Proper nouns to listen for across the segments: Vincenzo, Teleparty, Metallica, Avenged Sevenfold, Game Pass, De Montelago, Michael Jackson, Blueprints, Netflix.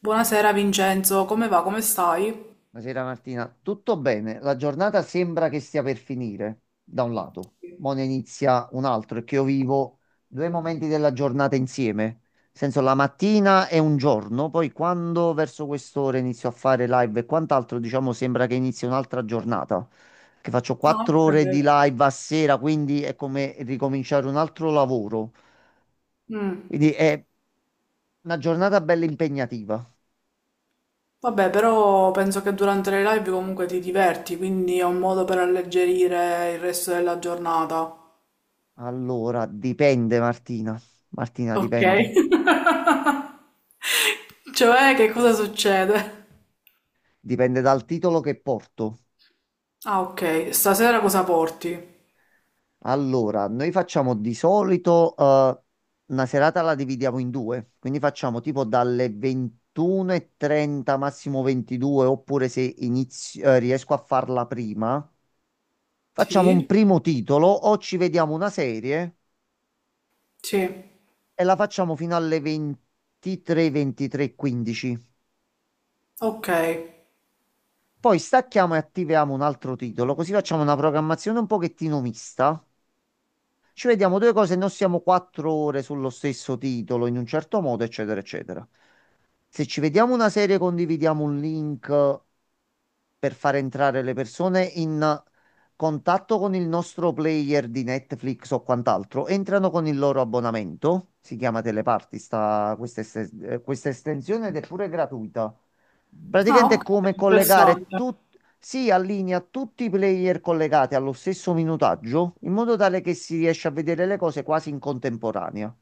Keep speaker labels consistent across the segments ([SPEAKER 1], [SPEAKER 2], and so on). [SPEAKER 1] Buonasera Vincenzo, come va? Come stai?
[SPEAKER 2] Buonasera Martina, tutto bene? La giornata sembra che stia per finire, da un lato, mo ne inizia un altro, è che io vivo due momenti della giornata insieme, nel senso la mattina è un giorno, poi quando verso quest'ora inizio a fare live e quant'altro, diciamo sembra che inizi un'altra giornata, che faccio
[SPEAKER 1] Ah,
[SPEAKER 2] quattro
[SPEAKER 1] ok.
[SPEAKER 2] ore di live a sera, quindi è come ricominciare un altro lavoro,
[SPEAKER 1] Mm.
[SPEAKER 2] quindi è una giornata bella impegnativa.
[SPEAKER 1] Vabbè, però penso che durante le live comunque ti diverti, quindi è un modo per alleggerire il resto della giornata.
[SPEAKER 2] Allora, dipende Martina, Martina
[SPEAKER 1] Ok.
[SPEAKER 2] dipende.
[SPEAKER 1] Cioè, che cosa succede?
[SPEAKER 2] Dipende dal titolo che porto.
[SPEAKER 1] Ah, ok. Stasera cosa porti?
[SPEAKER 2] Allora, noi facciamo di solito una serata la dividiamo in due, quindi facciamo tipo dalle 21:30 massimo 22, oppure se inizio- riesco a farla prima, facciamo un
[SPEAKER 1] Sì?
[SPEAKER 2] primo titolo o ci vediamo una serie
[SPEAKER 1] Sì.
[SPEAKER 2] e la facciamo fino alle 23, 15.
[SPEAKER 1] Ok.
[SPEAKER 2] Poi stacchiamo e attiviamo un altro titolo, così facciamo una programmazione un pochettino mista. Ci vediamo due cose, e non siamo quattro ore sullo stesso titolo, in un certo modo, eccetera, eccetera. Se ci vediamo una serie, condividiamo un link per far entrare le persone in contatto con il nostro player di Netflix o quant'altro, entrano con il loro abbonamento, si chiama Teleparty, questa estensione ed è pure gratuita.
[SPEAKER 1] Ah,
[SPEAKER 2] Praticamente è
[SPEAKER 1] ok.
[SPEAKER 2] come collegare
[SPEAKER 1] Interessante.
[SPEAKER 2] tutti, si allinea tutti i player collegati allo stesso minutaggio in modo tale che si riesce a vedere le cose quasi in contemporanea.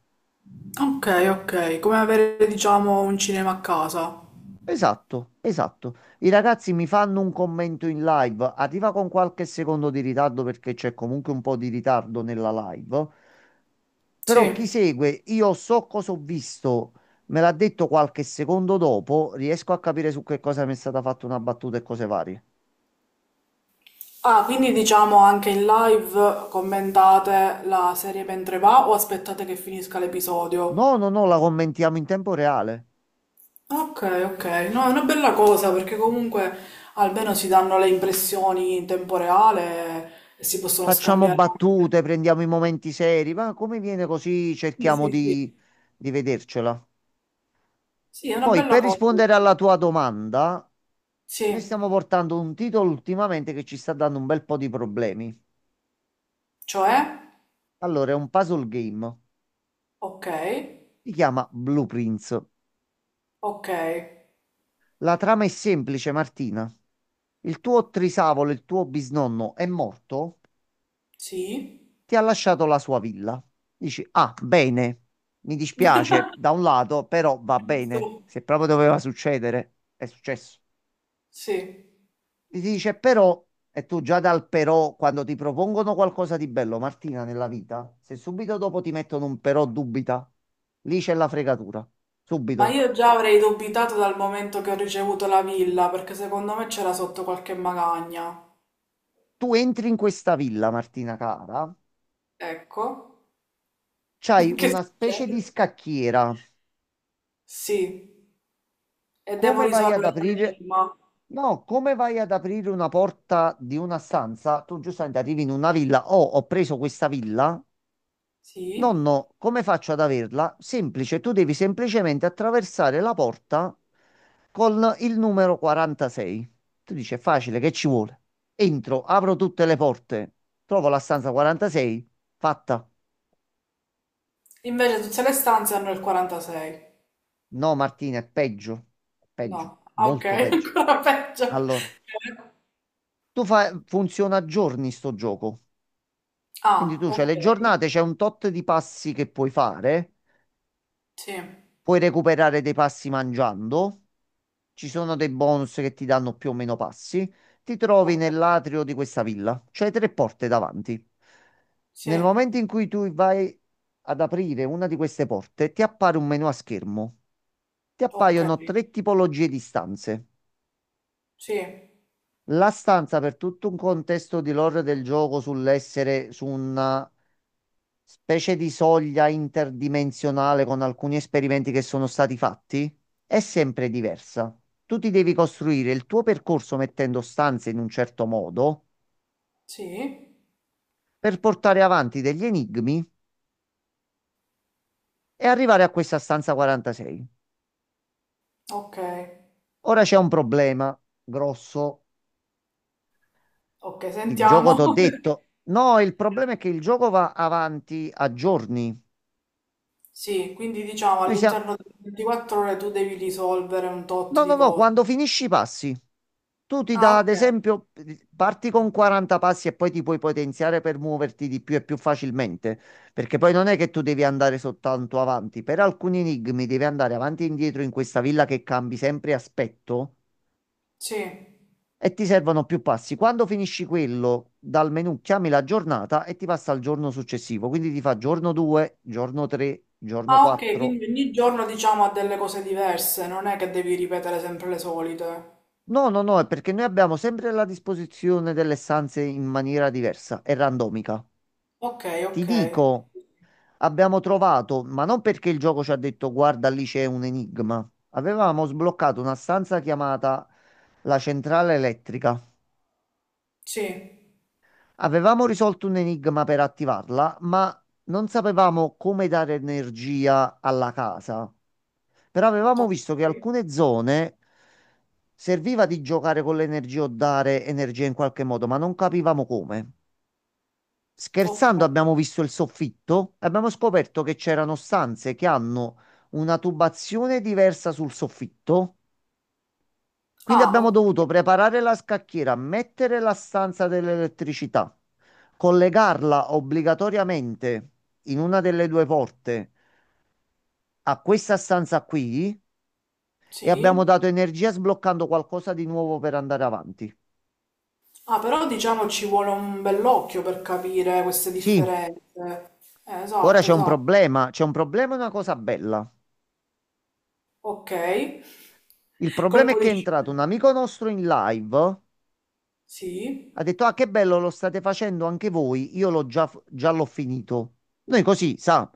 [SPEAKER 1] Ok, ok. Come avere, diciamo, un cinema a casa.
[SPEAKER 2] Esatto, esatto. I ragazzi mi fanno un commento in live, arriva con qualche secondo di ritardo perché c'è comunque un po' di ritardo nella live, però chi
[SPEAKER 1] Sì.
[SPEAKER 2] segue, io so cosa ho visto, me l'ha detto qualche secondo dopo, riesco a capire su che cosa mi è stata fatta una battuta e cose varie.
[SPEAKER 1] Ah, quindi diciamo anche in live commentate la serie mentre va o aspettate che finisca
[SPEAKER 2] No,
[SPEAKER 1] l'episodio?
[SPEAKER 2] no, no, la commentiamo in tempo reale.
[SPEAKER 1] Ok, ok, no, è una bella cosa perché comunque almeno si danno le impressioni in tempo reale e si possono
[SPEAKER 2] Facciamo
[SPEAKER 1] scambiare anche.
[SPEAKER 2] battute, prendiamo i momenti seri, ma come viene così
[SPEAKER 1] Sì,
[SPEAKER 2] cerchiamo
[SPEAKER 1] sì, sì.
[SPEAKER 2] di vedercela.
[SPEAKER 1] Sì, è una
[SPEAKER 2] Poi,
[SPEAKER 1] bella
[SPEAKER 2] per
[SPEAKER 1] cosa.
[SPEAKER 2] rispondere alla tua domanda, noi
[SPEAKER 1] Sì,
[SPEAKER 2] stiamo portando un titolo ultimamente che ci sta dando un bel po' di problemi.
[SPEAKER 1] cioè,
[SPEAKER 2] Allora, è un puzzle game,
[SPEAKER 1] ok,
[SPEAKER 2] si chiama Blueprints.
[SPEAKER 1] ok,
[SPEAKER 2] La trama è semplice, Martina. Il tuo trisavolo, il tuo bisnonno è morto,
[SPEAKER 1] sì,
[SPEAKER 2] ti ha lasciato la sua villa. Dici, ah, bene, mi dispiace da un lato, però va bene.
[SPEAKER 1] giusto,
[SPEAKER 2] Se proprio doveva succedere, è successo.
[SPEAKER 1] sì.
[SPEAKER 2] Ti dice, però, e tu già dal però, quando ti propongono qualcosa di bello, Martina, nella vita, se subito dopo ti mettono un però dubita, lì c'è la fregatura.
[SPEAKER 1] Ma
[SPEAKER 2] Subito.
[SPEAKER 1] io già avrei dubitato dal momento che ho ricevuto la villa, perché secondo me c'era sotto qualche magagna.
[SPEAKER 2] Tu entri in questa villa, Martina cara,
[SPEAKER 1] Ecco.
[SPEAKER 2] c'hai
[SPEAKER 1] Che
[SPEAKER 2] una specie di
[SPEAKER 1] succede?
[SPEAKER 2] scacchiera,
[SPEAKER 1] Sì. E devo
[SPEAKER 2] come vai ad
[SPEAKER 1] risolvere un
[SPEAKER 2] aprire?
[SPEAKER 1] enigma.
[SPEAKER 2] No, come vai ad aprire una porta di una stanza? Tu giustamente arrivi in una villa. Oh, ho preso questa villa.
[SPEAKER 1] Sì.
[SPEAKER 2] Nonno, come faccio ad averla? Semplice, tu devi semplicemente attraversare la porta con il numero 46. Tu dici, è facile, che ci vuole? Entro, apro tutte le porte, trovo la stanza 46, fatta.
[SPEAKER 1] Invece tutte le stanze hanno il 46.
[SPEAKER 2] No, Martina, è peggio,
[SPEAKER 1] No. Ah, ok,
[SPEAKER 2] molto peggio.
[SPEAKER 1] ancora peggio.
[SPEAKER 2] Allora, tu fai, funziona a giorni sto gioco. Quindi
[SPEAKER 1] Ah,
[SPEAKER 2] tu c'hai
[SPEAKER 1] ok.
[SPEAKER 2] le giornate, c'è un tot di passi che puoi fare,
[SPEAKER 1] Sì.
[SPEAKER 2] puoi recuperare dei passi mangiando, ci sono dei bonus che ti danno più o meno passi, ti trovi
[SPEAKER 1] Ok.
[SPEAKER 2] nell'atrio di questa villa, c'hai tre porte davanti.
[SPEAKER 1] Sì.
[SPEAKER 2] Nel momento in cui tu vai ad aprire una di queste porte, ti appare un menu a schermo. Ti
[SPEAKER 1] Ok.
[SPEAKER 2] appaiono tre tipologie di stanze.
[SPEAKER 1] Sì.
[SPEAKER 2] La stanza per tutto un contesto di lore del gioco sull'essere su un specie di soglia interdimensionale con alcuni esperimenti che sono stati fatti, è sempre diversa. Tu ti devi costruire il tuo percorso mettendo stanze in un certo modo
[SPEAKER 1] Sì.
[SPEAKER 2] per portare avanti degli enigmi e arrivare a questa stanza 46.
[SPEAKER 1] Ok.
[SPEAKER 2] Ora c'è un problema grosso.
[SPEAKER 1] Ok,
[SPEAKER 2] Il gioco
[SPEAKER 1] sentiamo.
[SPEAKER 2] t'ho detto. No, il problema è che il gioco va avanti a giorni.
[SPEAKER 1] Sì, quindi diciamo
[SPEAKER 2] Noi siamo,
[SPEAKER 1] all'interno delle 24 ore tu devi risolvere un tot
[SPEAKER 2] No,
[SPEAKER 1] di
[SPEAKER 2] no, no,
[SPEAKER 1] cose.
[SPEAKER 2] quando finisci i passi, tu ti
[SPEAKER 1] Ah,
[SPEAKER 2] dà, ad
[SPEAKER 1] ok.
[SPEAKER 2] esempio, parti con 40 passi e poi ti puoi potenziare per muoverti di più e più facilmente, perché poi non è che tu devi andare soltanto avanti, per alcuni enigmi devi andare avanti e indietro in questa villa che cambi sempre aspetto
[SPEAKER 1] Sì.
[SPEAKER 2] e ti servono più passi. Quando finisci quello, dal menu chiami la giornata e ti passa al giorno successivo, quindi ti fa giorno 2, giorno 3, giorno
[SPEAKER 1] Ah, ok,
[SPEAKER 2] 4.
[SPEAKER 1] quindi ogni giorno diciamo ha delle cose diverse, non è che devi ripetere sempre le solite.
[SPEAKER 2] No, no, no, è perché noi abbiamo sempre la disposizione delle stanze in maniera diversa e randomica.
[SPEAKER 1] Ok,
[SPEAKER 2] Ti
[SPEAKER 1] ok.
[SPEAKER 2] dico, abbiamo trovato, ma non perché il gioco ci ha detto guarda lì c'è un enigma. Avevamo sbloccato una stanza chiamata la centrale elettrica.
[SPEAKER 1] Sì.
[SPEAKER 2] Avevamo risolto un enigma per attivarla, ma non sapevamo come dare energia alla casa. Però avevamo
[SPEAKER 1] Ok.
[SPEAKER 2] visto che alcune zone serviva di giocare con l'energia o dare energia in qualche modo, ma non capivamo come.
[SPEAKER 1] Ok.
[SPEAKER 2] Scherzando, abbiamo visto il soffitto e abbiamo scoperto che c'erano stanze che hanno una tubazione diversa sul soffitto. Quindi
[SPEAKER 1] Ah,
[SPEAKER 2] abbiamo
[SPEAKER 1] ok.
[SPEAKER 2] dovuto preparare la scacchiera, mettere la stanza dell'elettricità, collegarla obbligatoriamente in una delle due porte a questa stanza qui e abbiamo
[SPEAKER 1] Sì.
[SPEAKER 2] dato energia sbloccando qualcosa di nuovo per andare avanti.
[SPEAKER 1] Ah, però diciamo ci vuole un bell'occhio per capire queste
[SPEAKER 2] Sì,
[SPEAKER 1] differenze.
[SPEAKER 2] ora
[SPEAKER 1] Esatto, esatto.
[SPEAKER 2] c'è un problema e una cosa bella.
[SPEAKER 1] Ok.
[SPEAKER 2] Il problema
[SPEAKER 1] Colpo
[SPEAKER 2] è che
[SPEAKER 1] di
[SPEAKER 2] è entrato un
[SPEAKER 1] scena.
[SPEAKER 2] amico nostro in live,
[SPEAKER 1] Sì.
[SPEAKER 2] ha detto, ah, che bello, lo state facendo anche voi, già l'ho finito. Noi così, sa,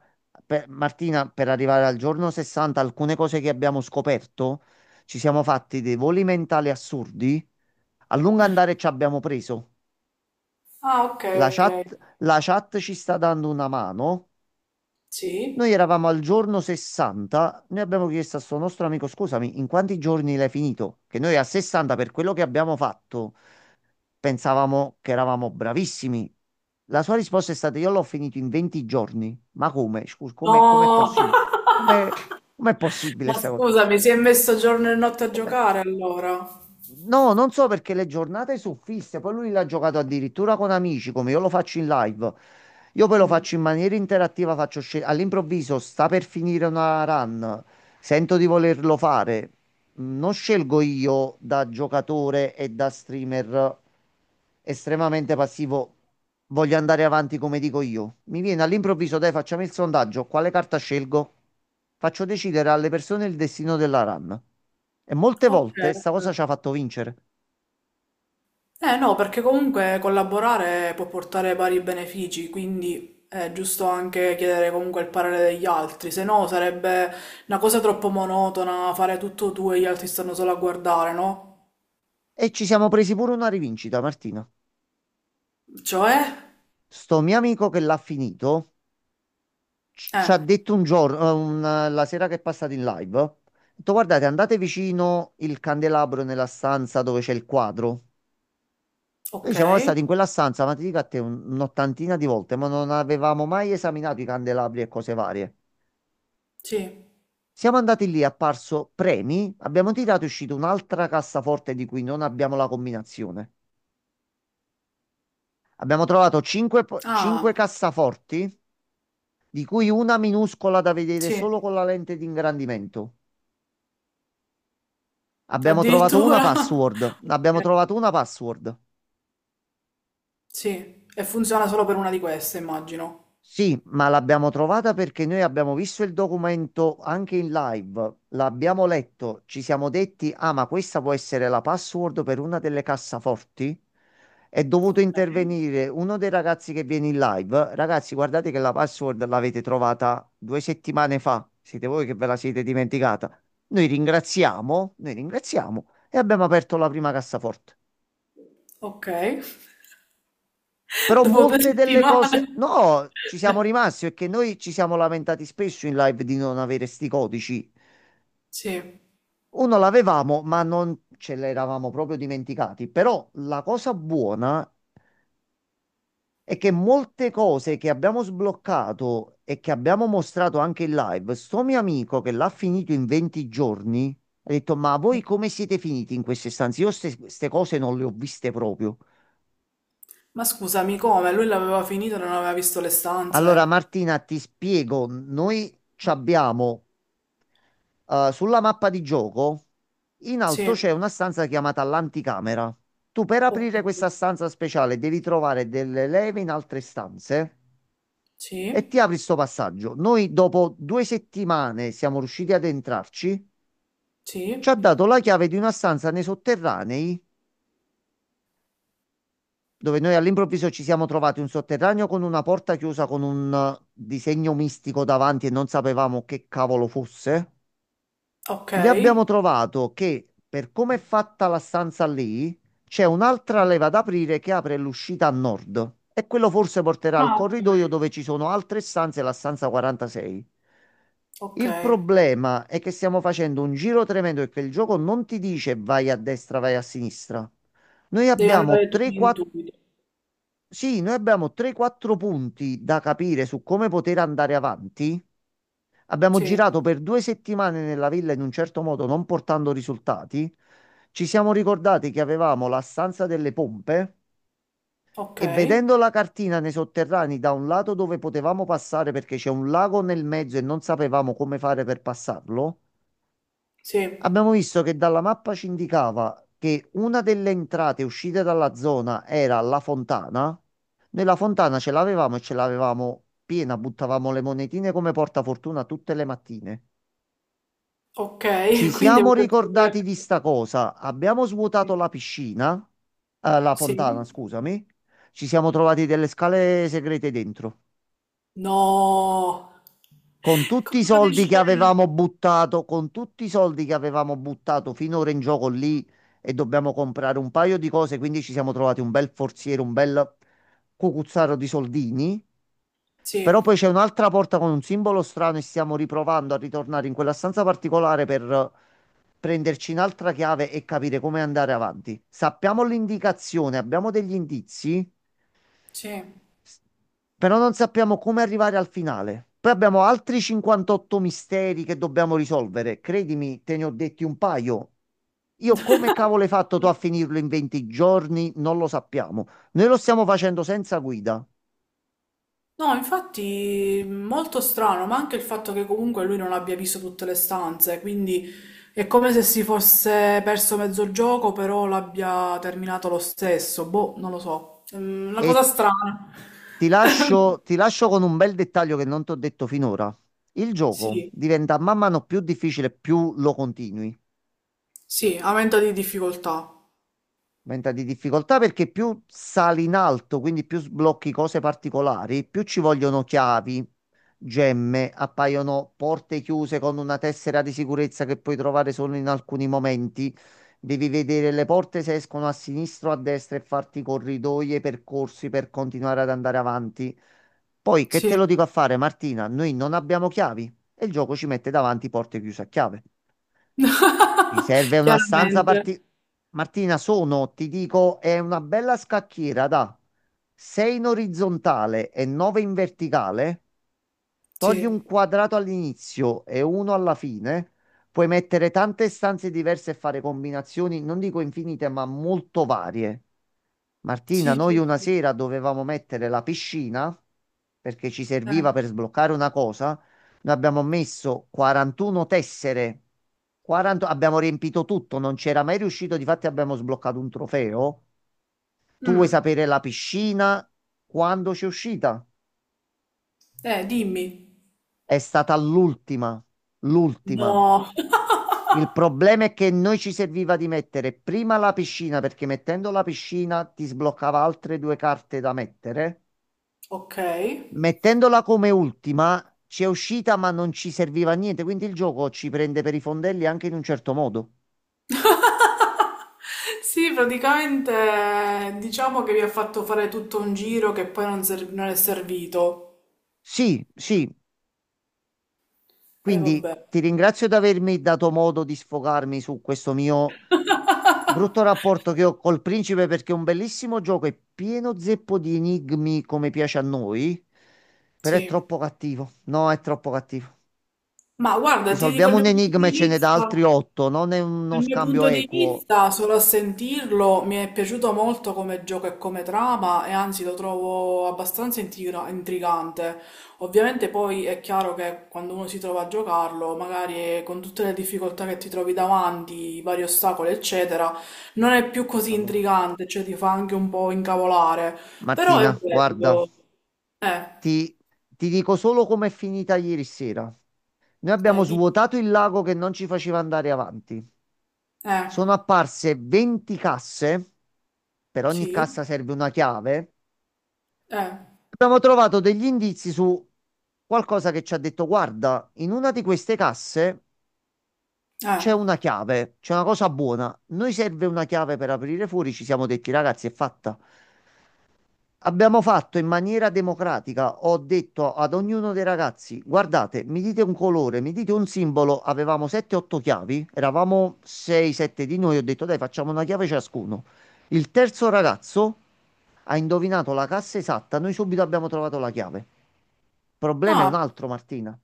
[SPEAKER 2] Martina, per arrivare al giorno 60, alcune cose che abbiamo scoperto, ci siamo fatti dei voli mentali assurdi, a lungo andare ci abbiamo preso.
[SPEAKER 1] Ah, ok,
[SPEAKER 2] La
[SPEAKER 1] ok.
[SPEAKER 2] chat, la chat ci sta dando una mano.
[SPEAKER 1] Sì?
[SPEAKER 2] Noi eravamo al giorno 60, noi abbiamo chiesto a suo nostro amico, scusami, in quanti giorni l'hai finito? Che noi a 60, per quello che abbiamo fatto, pensavamo che eravamo bravissimi. La sua risposta è stata, io l'ho finito in 20 giorni. Ma come? Scusa, come, com'è
[SPEAKER 1] No!
[SPEAKER 2] possibile? Come, com'è possibile
[SPEAKER 1] Ma
[SPEAKER 2] questa cosa?
[SPEAKER 1] scusami, si è messo giorno e notte a
[SPEAKER 2] Com'è?
[SPEAKER 1] giocare allora.
[SPEAKER 2] No, non so perché le giornate sono fisse, poi lui l'ha giocato addirittura con amici, come io lo faccio in live. Io poi lo
[SPEAKER 1] Mm.
[SPEAKER 2] faccio in maniera interattiva, all'improvviso sta per finire una run, sento di volerlo fare, non scelgo io da giocatore e da streamer estremamente passivo. Voglio andare avanti come dico io. Mi viene all'improvviso, dai, facciamo il sondaggio. Quale carta scelgo? Faccio decidere alle persone il destino della run. E molte
[SPEAKER 1] Ok,
[SPEAKER 2] volte sta cosa
[SPEAKER 1] ok.
[SPEAKER 2] ci ha fatto vincere.
[SPEAKER 1] Eh no, perché comunque collaborare può portare vari benefici, quindi è giusto anche chiedere comunque il parere degli altri, se no sarebbe una cosa troppo monotona fare tutto tu e gli altri stanno solo a guardare, no?
[SPEAKER 2] E ci siamo presi pure una rivincita, Martina.
[SPEAKER 1] Cioè?
[SPEAKER 2] Sto mio amico che l'ha finito ci
[SPEAKER 1] Eh,
[SPEAKER 2] ha detto un giorno, la sera che è passata in live, ha detto, guardate, andate vicino il candelabro nella stanza dove c'è il quadro. Noi
[SPEAKER 1] ok.
[SPEAKER 2] siamo stati in quella stanza, ma ti dico a te, un'ottantina di volte, ma non avevamo mai esaminato i candelabri e cose varie.
[SPEAKER 1] Sì.
[SPEAKER 2] Siamo andati lì, è apparso premi, abbiamo tirato e è uscito un'altra cassaforte di cui non abbiamo la combinazione. Abbiamo trovato 5
[SPEAKER 1] Ah,
[SPEAKER 2] cassaforti, di cui una minuscola da vedere
[SPEAKER 1] sì.
[SPEAKER 2] solo con la lente di ingrandimento. Abbiamo trovato una
[SPEAKER 1] Addirittura.
[SPEAKER 2] password. Abbiamo
[SPEAKER 1] Ok.
[SPEAKER 2] trovato una password.
[SPEAKER 1] Sì, e funziona solo per una di queste, immagino.
[SPEAKER 2] Sì, ma l'abbiamo trovata perché noi abbiamo visto il documento anche in live, l'abbiamo letto, ci siamo detti, ah, ma questa può essere la password per una delle cassaforti. È dovuto
[SPEAKER 1] Okay,
[SPEAKER 2] intervenire uno dei ragazzi che viene in live. Ragazzi, guardate che la password l'avete trovata due settimane fa. Siete voi che ve la siete dimenticata. Noi ringraziamo, noi ringraziamo, e abbiamo aperto la prima cassaforte.
[SPEAKER 1] okay.
[SPEAKER 2] Però
[SPEAKER 1] Dopo 2
[SPEAKER 2] molte delle cose,
[SPEAKER 1] settimane.
[SPEAKER 2] no, ci siamo rimasti perché noi ci siamo lamentati spesso in live di non avere sti codici.
[SPEAKER 1] Sì.
[SPEAKER 2] Uno l'avevamo, ma non ce l'eravamo proprio dimenticati. Però la cosa buona è che molte cose che abbiamo sbloccato e che abbiamo mostrato anche in live, sto mio amico che l'ha finito in 20 giorni, ha detto: Ma voi come siete finiti in queste stanze? Io queste cose non le ho viste proprio.
[SPEAKER 1] Ma scusami, come? Lui l'aveva finito e non aveva visto le
[SPEAKER 2] Allora,
[SPEAKER 1] stanze?
[SPEAKER 2] Martina, ti spiego, noi ci abbiamo sulla mappa di gioco, in alto
[SPEAKER 1] Sì.
[SPEAKER 2] c'è una stanza chiamata l'anticamera. Tu per aprire questa
[SPEAKER 1] Okay.
[SPEAKER 2] stanza speciale devi trovare delle leve in altre stanze e ti
[SPEAKER 1] Sì,
[SPEAKER 2] apri sto passaggio. Noi dopo due settimane siamo riusciti ad entrarci. Ci
[SPEAKER 1] sì,
[SPEAKER 2] ha dato la chiave di una stanza nei sotterranei, dove noi all'improvviso ci siamo trovati un sotterraneo con una porta chiusa con un disegno mistico davanti e non sapevamo che cavolo fosse. Lì abbiamo
[SPEAKER 1] okay.
[SPEAKER 2] trovato che per come è fatta la stanza lì, c'è un'altra leva da aprire che apre l'uscita a nord e quello forse porterà al
[SPEAKER 1] Ah,
[SPEAKER 2] corridoio
[SPEAKER 1] okay,
[SPEAKER 2] dove ci sono altre stanze, la stanza 46. Il
[SPEAKER 1] okay.
[SPEAKER 2] problema è che stiamo facendo un giro tremendo e che il gioco non ti dice vai a destra, vai a sinistra.
[SPEAKER 1] Devi
[SPEAKER 2] Noi
[SPEAKER 1] andare tu
[SPEAKER 2] abbiamo
[SPEAKER 1] in
[SPEAKER 2] 3-4,
[SPEAKER 1] intuito.
[SPEAKER 2] sì, noi abbiamo 3-4 punti da capire su come poter andare avanti. Abbiamo
[SPEAKER 1] Sì,
[SPEAKER 2] girato per due settimane nella villa in un certo modo, non portando risultati. Ci siamo ricordati che avevamo la stanza delle pompe e
[SPEAKER 1] okay,
[SPEAKER 2] vedendo la cartina nei sotterranei da un lato dove potevamo passare perché c'è un lago nel mezzo e non sapevamo come fare per passarlo,
[SPEAKER 1] sì,
[SPEAKER 2] abbiamo visto che dalla mappa ci indicava che una delle entrate e uscite dalla zona era la fontana. Noi la fontana ce l'avevamo e ce l'avevamo piena, buttavamo le monetine come portafortuna tutte le mattine. Ci
[SPEAKER 1] okay. Quindi
[SPEAKER 2] siamo
[SPEAKER 1] avete
[SPEAKER 2] ricordati di
[SPEAKER 1] scoperto
[SPEAKER 2] sta cosa. Abbiamo svuotato
[SPEAKER 1] sì.
[SPEAKER 2] la piscina, la
[SPEAKER 1] Sì?
[SPEAKER 2] fontana, scusami. Ci siamo trovati delle scale segrete dentro.
[SPEAKER 1] No! Colpo di scena!
[SPEAKER 2] Con tutti i soldi che avevamo buttato finora in gioco lì e dobbiamo comprare un paio di cose, quindi ci siamo trovati un bel forziere, un bel cucuzzaro di soldini. Però
[SPEAKER 1] Sì,
[SPEAKER 2] poi c'è un'altra porta con un simbolo strano e stiamo riprovando a ritornare in quella stanza particolare per prenderci un'altra chiave e capire come andare avanti. Sappiamo l'indicazione, abbiamo degli indizi,
[SPEAKER 1] sì.
[SPEAKER 2] s- però non sappiamo come arrivare al finale. Poi abbiamo altri 58 misteri che dobbiamo risolvere. Credimi, te ne ho detti un paio. Io come cavolo hai fatto tu a finirlo in 20 giorni? Non lo sappiamo. Noi lo stiamo facendo senza guida.
[SPEAKER 1] No, infatti molto strano, ma anche il fatto che comunque lui non abbia visto tutte le stanze, quindi è come se si fosse perso mezzo gioco, però l'abbia terminato lo stesso. Boh, non lo so. Mm, una cosa
[SPEAKER 2] E
[SPEAKER 1] strana.
[SPEAKER 2] Ti lascio, ti lascio con un bel dettaglio che non ti ho detto finora. Il gioco
[SPEAKER 1] Sì,
[SPEAKER 2] diventa man mano più difficile più lo continui.
[SPEAKER 1] sì, aumento di difficoltà.
[SPEAKER 2] Aumenta di difficoltà perché più sali in alto, quindi più sblocchi cose particolari, più ci vogliono chiavi, gemme, appaiono porte chiuse con una tessera di sicurezza che puoi trovare solo in alcuni momenti. Devi vedere le porte se escono a sinistra o a destra e farti corridoi e percorsi per continuare ad andare avanti. Poi, che te
[SPEAKER 1] Sì.
[SPEAKER 2] lo dico a fare, Martina? Noi non abbiamo chiavi e il gioco ci mette davanti porte chiuse a chiave. Ti serve una stanza
[SPEAKER 1] Chiaramente.
[SPEAKER 2] Martina, ti dico, è una bella scacchiera da 6 in orizzontale e 9 in verticale. Togli un
[SPEAKER 1] Sì,
[SPEAKER 2] quadrato all'inizio e uno alla fine, puoi mettere tante stanze diverse e fare combinazioni, non dico infinite, ma molto varie. Martina,
[SPEAKER 1] sì,
[SPEAKER 2] noi
[SPEAKER 1] sì,
[SPEAKER 2] una
[SPEAKER 1] sì.
[SPEAKER 2] sera dovevamo mettere la piscina perché ci
[SPEAKER 1] Eh.
[SPEAKER 2] serviva per sbloccare una cosa. Noi abbiamo messo 41 tessere, 40 abbiamo riempito tutto, non c'era mai riuscito, difatti abbiamo sbloccato un trofeo. Tu vuoi
[SPEAKER 1] Mm.
[SPEAKER 2] sapere la piscina quando c'è uscita?
[SPEAKER 1] Dimmi.
[SPEAKER 2] È stata l'ultima, l'ultima.
[SPEAKER 1] No.
[SPEAKER 2] Il problema è che noi ci serviva di mettere prima la piscina, perché mettendo la piscina ti sbloccava altre due carte da mettere.
[SPEAKER 1] Ok.
[SPEAKER 2] Mettendola come ultima ci è uscita, ma non ci serviva a niente, quindi il gioco ci prende per i fondelli anche in un certo modo.
[SPEAKER 1] Sì, praticamente diciamo che mi ha fatto fare tutto un giro che poi non, non è servito.
[SPEAKER 2] Sì, sì,
[SPEAKER 1] E
[SPEAKER 2] quindi
[SPEAKER 1] vabbè.
[SPEAKER 2] ti ringrazio di avermi dato modo di sfogarmi su questo mio brutto rapporto che ho col principe perché è un bellissimo gioco, è pieno zeppo di enigmi come piace a noi, però è
[SPEAKER 1] Sì.
[SPEAKER 2] troppo cattivo. No, è troppo cattivo.
[SPEAKER 1] Ma guarda, ti dico il
[SPEAKER 2] Risolviamo un
[SPEAKER 1] mio punto
[SPEAKER 2] enigma
[SPEAKER 1] di
[SPEAKER 2] e ce n'è da altri
[SPEAKER 1] vista.
[SPEAKER 2] otto, non è uno
[SPEAKER 1] Dal mio
[SPEAKER 2] scambio
[SPEAKER 1] punto di
[SPEAKER 2] equo.
[SPEAKER 1] vista, solo a sentirlo mi è piaciuto molto come gioco e come trama e anzi lo trovo abbastanza intrigante. Ovviamente poi è chiaro che quando uno si trova a giocarlo, magari con tutte le difficoltà che ti trovi davanti, i vari ostacoli, eccetera, non è più così
[SPEAKER 2] Allora,
[SPEAKER 1] intrigante, cioè ti fa anche un po' incavolare. Però è
[SPEAKER 2] Martina, guarda,
[SPEAKER 1] bello. Eh,
[SPEAKER 2] ti, ti dico solo com'è finita ieri sera. Noi abbiamo
[SPEAKER 1] di,
[SPEAKER 2] svuotato il lago che non ci faceva andare avanti.
[SPEAKER 1] eh,
[SPEAKER 2] Sono apparse 20 casse, per ogni
[SPEAKER 1] sì,
[SPEAKER 2] cassa serve una chiave.
[SPEAKER 1] eh,
[SPEAKER 2] Abbiamo trovato degli indizi su qualcosa che ci ha detto, guarda, in una di queste casse c'è
[SPEAKER 1] eh,
[SPEAKER 2] una chiave, c'è una cosa buona. Noi serve una chiave per aprire fuori, ci siamo detti, ragazzi, è fatta. Abbiamo fatto in maniera democratica, ho detto ad ognuno dei ragazzi, guardate, mi dite un colore, mi dite un simbolo, avevamo 7-8 chiavi, eravamo 6-7 di noi, ho detto dai facciamo una chiave ciascuno. Il terzo ragazzo ha indovinato la cassa esatta, noi subito abbiamo trovato la chiave. Il problema è un
[SPEAKER 1] ah,
[SPEAKER 2] altro, Martina,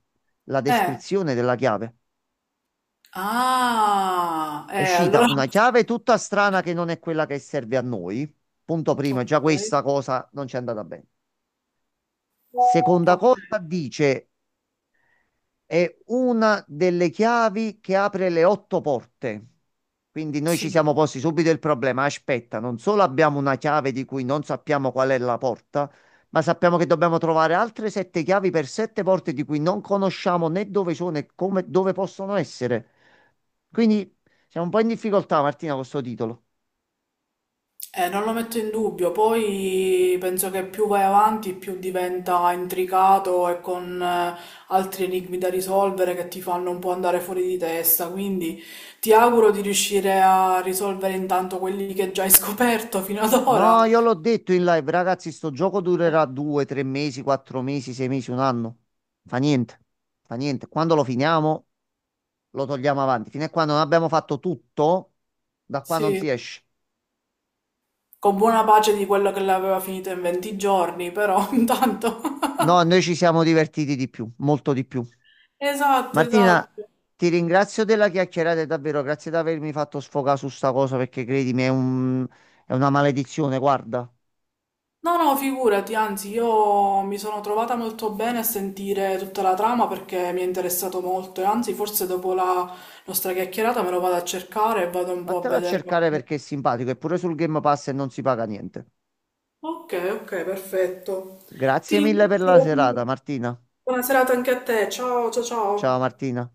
[SPEAKER 2] la
[SPEAKER 1] eh.
[SPEAKER 2] descrizione della chiave.
[SPEAKER 1] Ah,
[SPEAKER 2] È uscita
[SPEAKER 1] allora...
[SPEAKER 2] una chiave tutta strana che non è quella che serve a noi. Punto primo, già
[SPEAKER 1] Ok,
[SPEAKER 2] questa cosa non ci è andata bene. Seconda
[SPEAKER 1] ok,
[SPEAKER 2] cosa, dice: È una delle chiavi che apre le otto porte. Quindi noi
[SPEAKER 1] sì,
[SPEAKER 2] ci siamo posti subito il problema. Aspetta, non solo abbiamo una chiave di cui non sappiamo qual è la porta, ma sappiamo che dobbiamo trovare altre sette chiavi per sette porte di cui non conosciamo né dove sono e come, dove possono essere. Quindi siamo un po' in difficoltà, Martina, con questo titolo.
[SPEAKER 1] eh, non lo metto in dubbio, poi penso che più vai avanti più diventa intricato e con altri enigmi da risolvere che ti fanno un po' andare fuori di testa, quindi ti auguro di riuscire a risolvere intanto quelli che già hai scoperto fino ad ora,
[SPEAKER 2] No, io l'ho detto in live, ragazzi, sto gioco durerà due, tre mesi, quattro mesi, sei mesi, un anno. Fa niente, fa niente. Quando lo finiamo, lo togliamo avanti. Fino a quando non abbiamo fatto tutto, da qua non
[SPEAKER 1] sì,
[SPEAKER 2] si esce.
[SPEAKER 1] con buona pace di quello che l'aveva finito in 20 giorni, però intanto...
[SPEAKER 2] No, noi ci siamo divertiti di più, molto di più.
[SPEAKER 1] Esatto,
[SPEAKER 2] Martina,
[SPEAKER 1] esatto.
[SPEAKER 2] ti ringrazio della chiacchierata, e davvero, grazie di avermi fatto sfogare su sta cosa perché credimi, è una maledizione, guarda.
[SPEAKER 1] No, no, figurati, anzi, io mi sono trovata molto bene a sentire tutta la trama perché mi è interessato molto e anzi, forse dopo la nostra chiacchierata me lo vado a cercare e vado un po' a
[SPEAKER 2] Vattela a
[SPEAKER 1] vedere
[SPEAKER 2] cercare
[SPEAKER 1] qualche...
[SPEAKER 2] perché è simpatico e pure sul Game Pass e non si paga niente.
[SPEAKER 1] Ok, ok, perfetto. Ti
[SPEAKER 2] Grazie mille per la
[SPEAKER 1] ringrazio
[SPEAKER 2] serata,
[SPEAKER 1] comunque.
[SPEAKER 2] Martina.
[SPEAKER 1] Buona serata anche a te. Ciao, ciao,
[SPEAKER 2] Ciao
[SPEAKER 1] ciao.
[SPEAKER 2] Martina.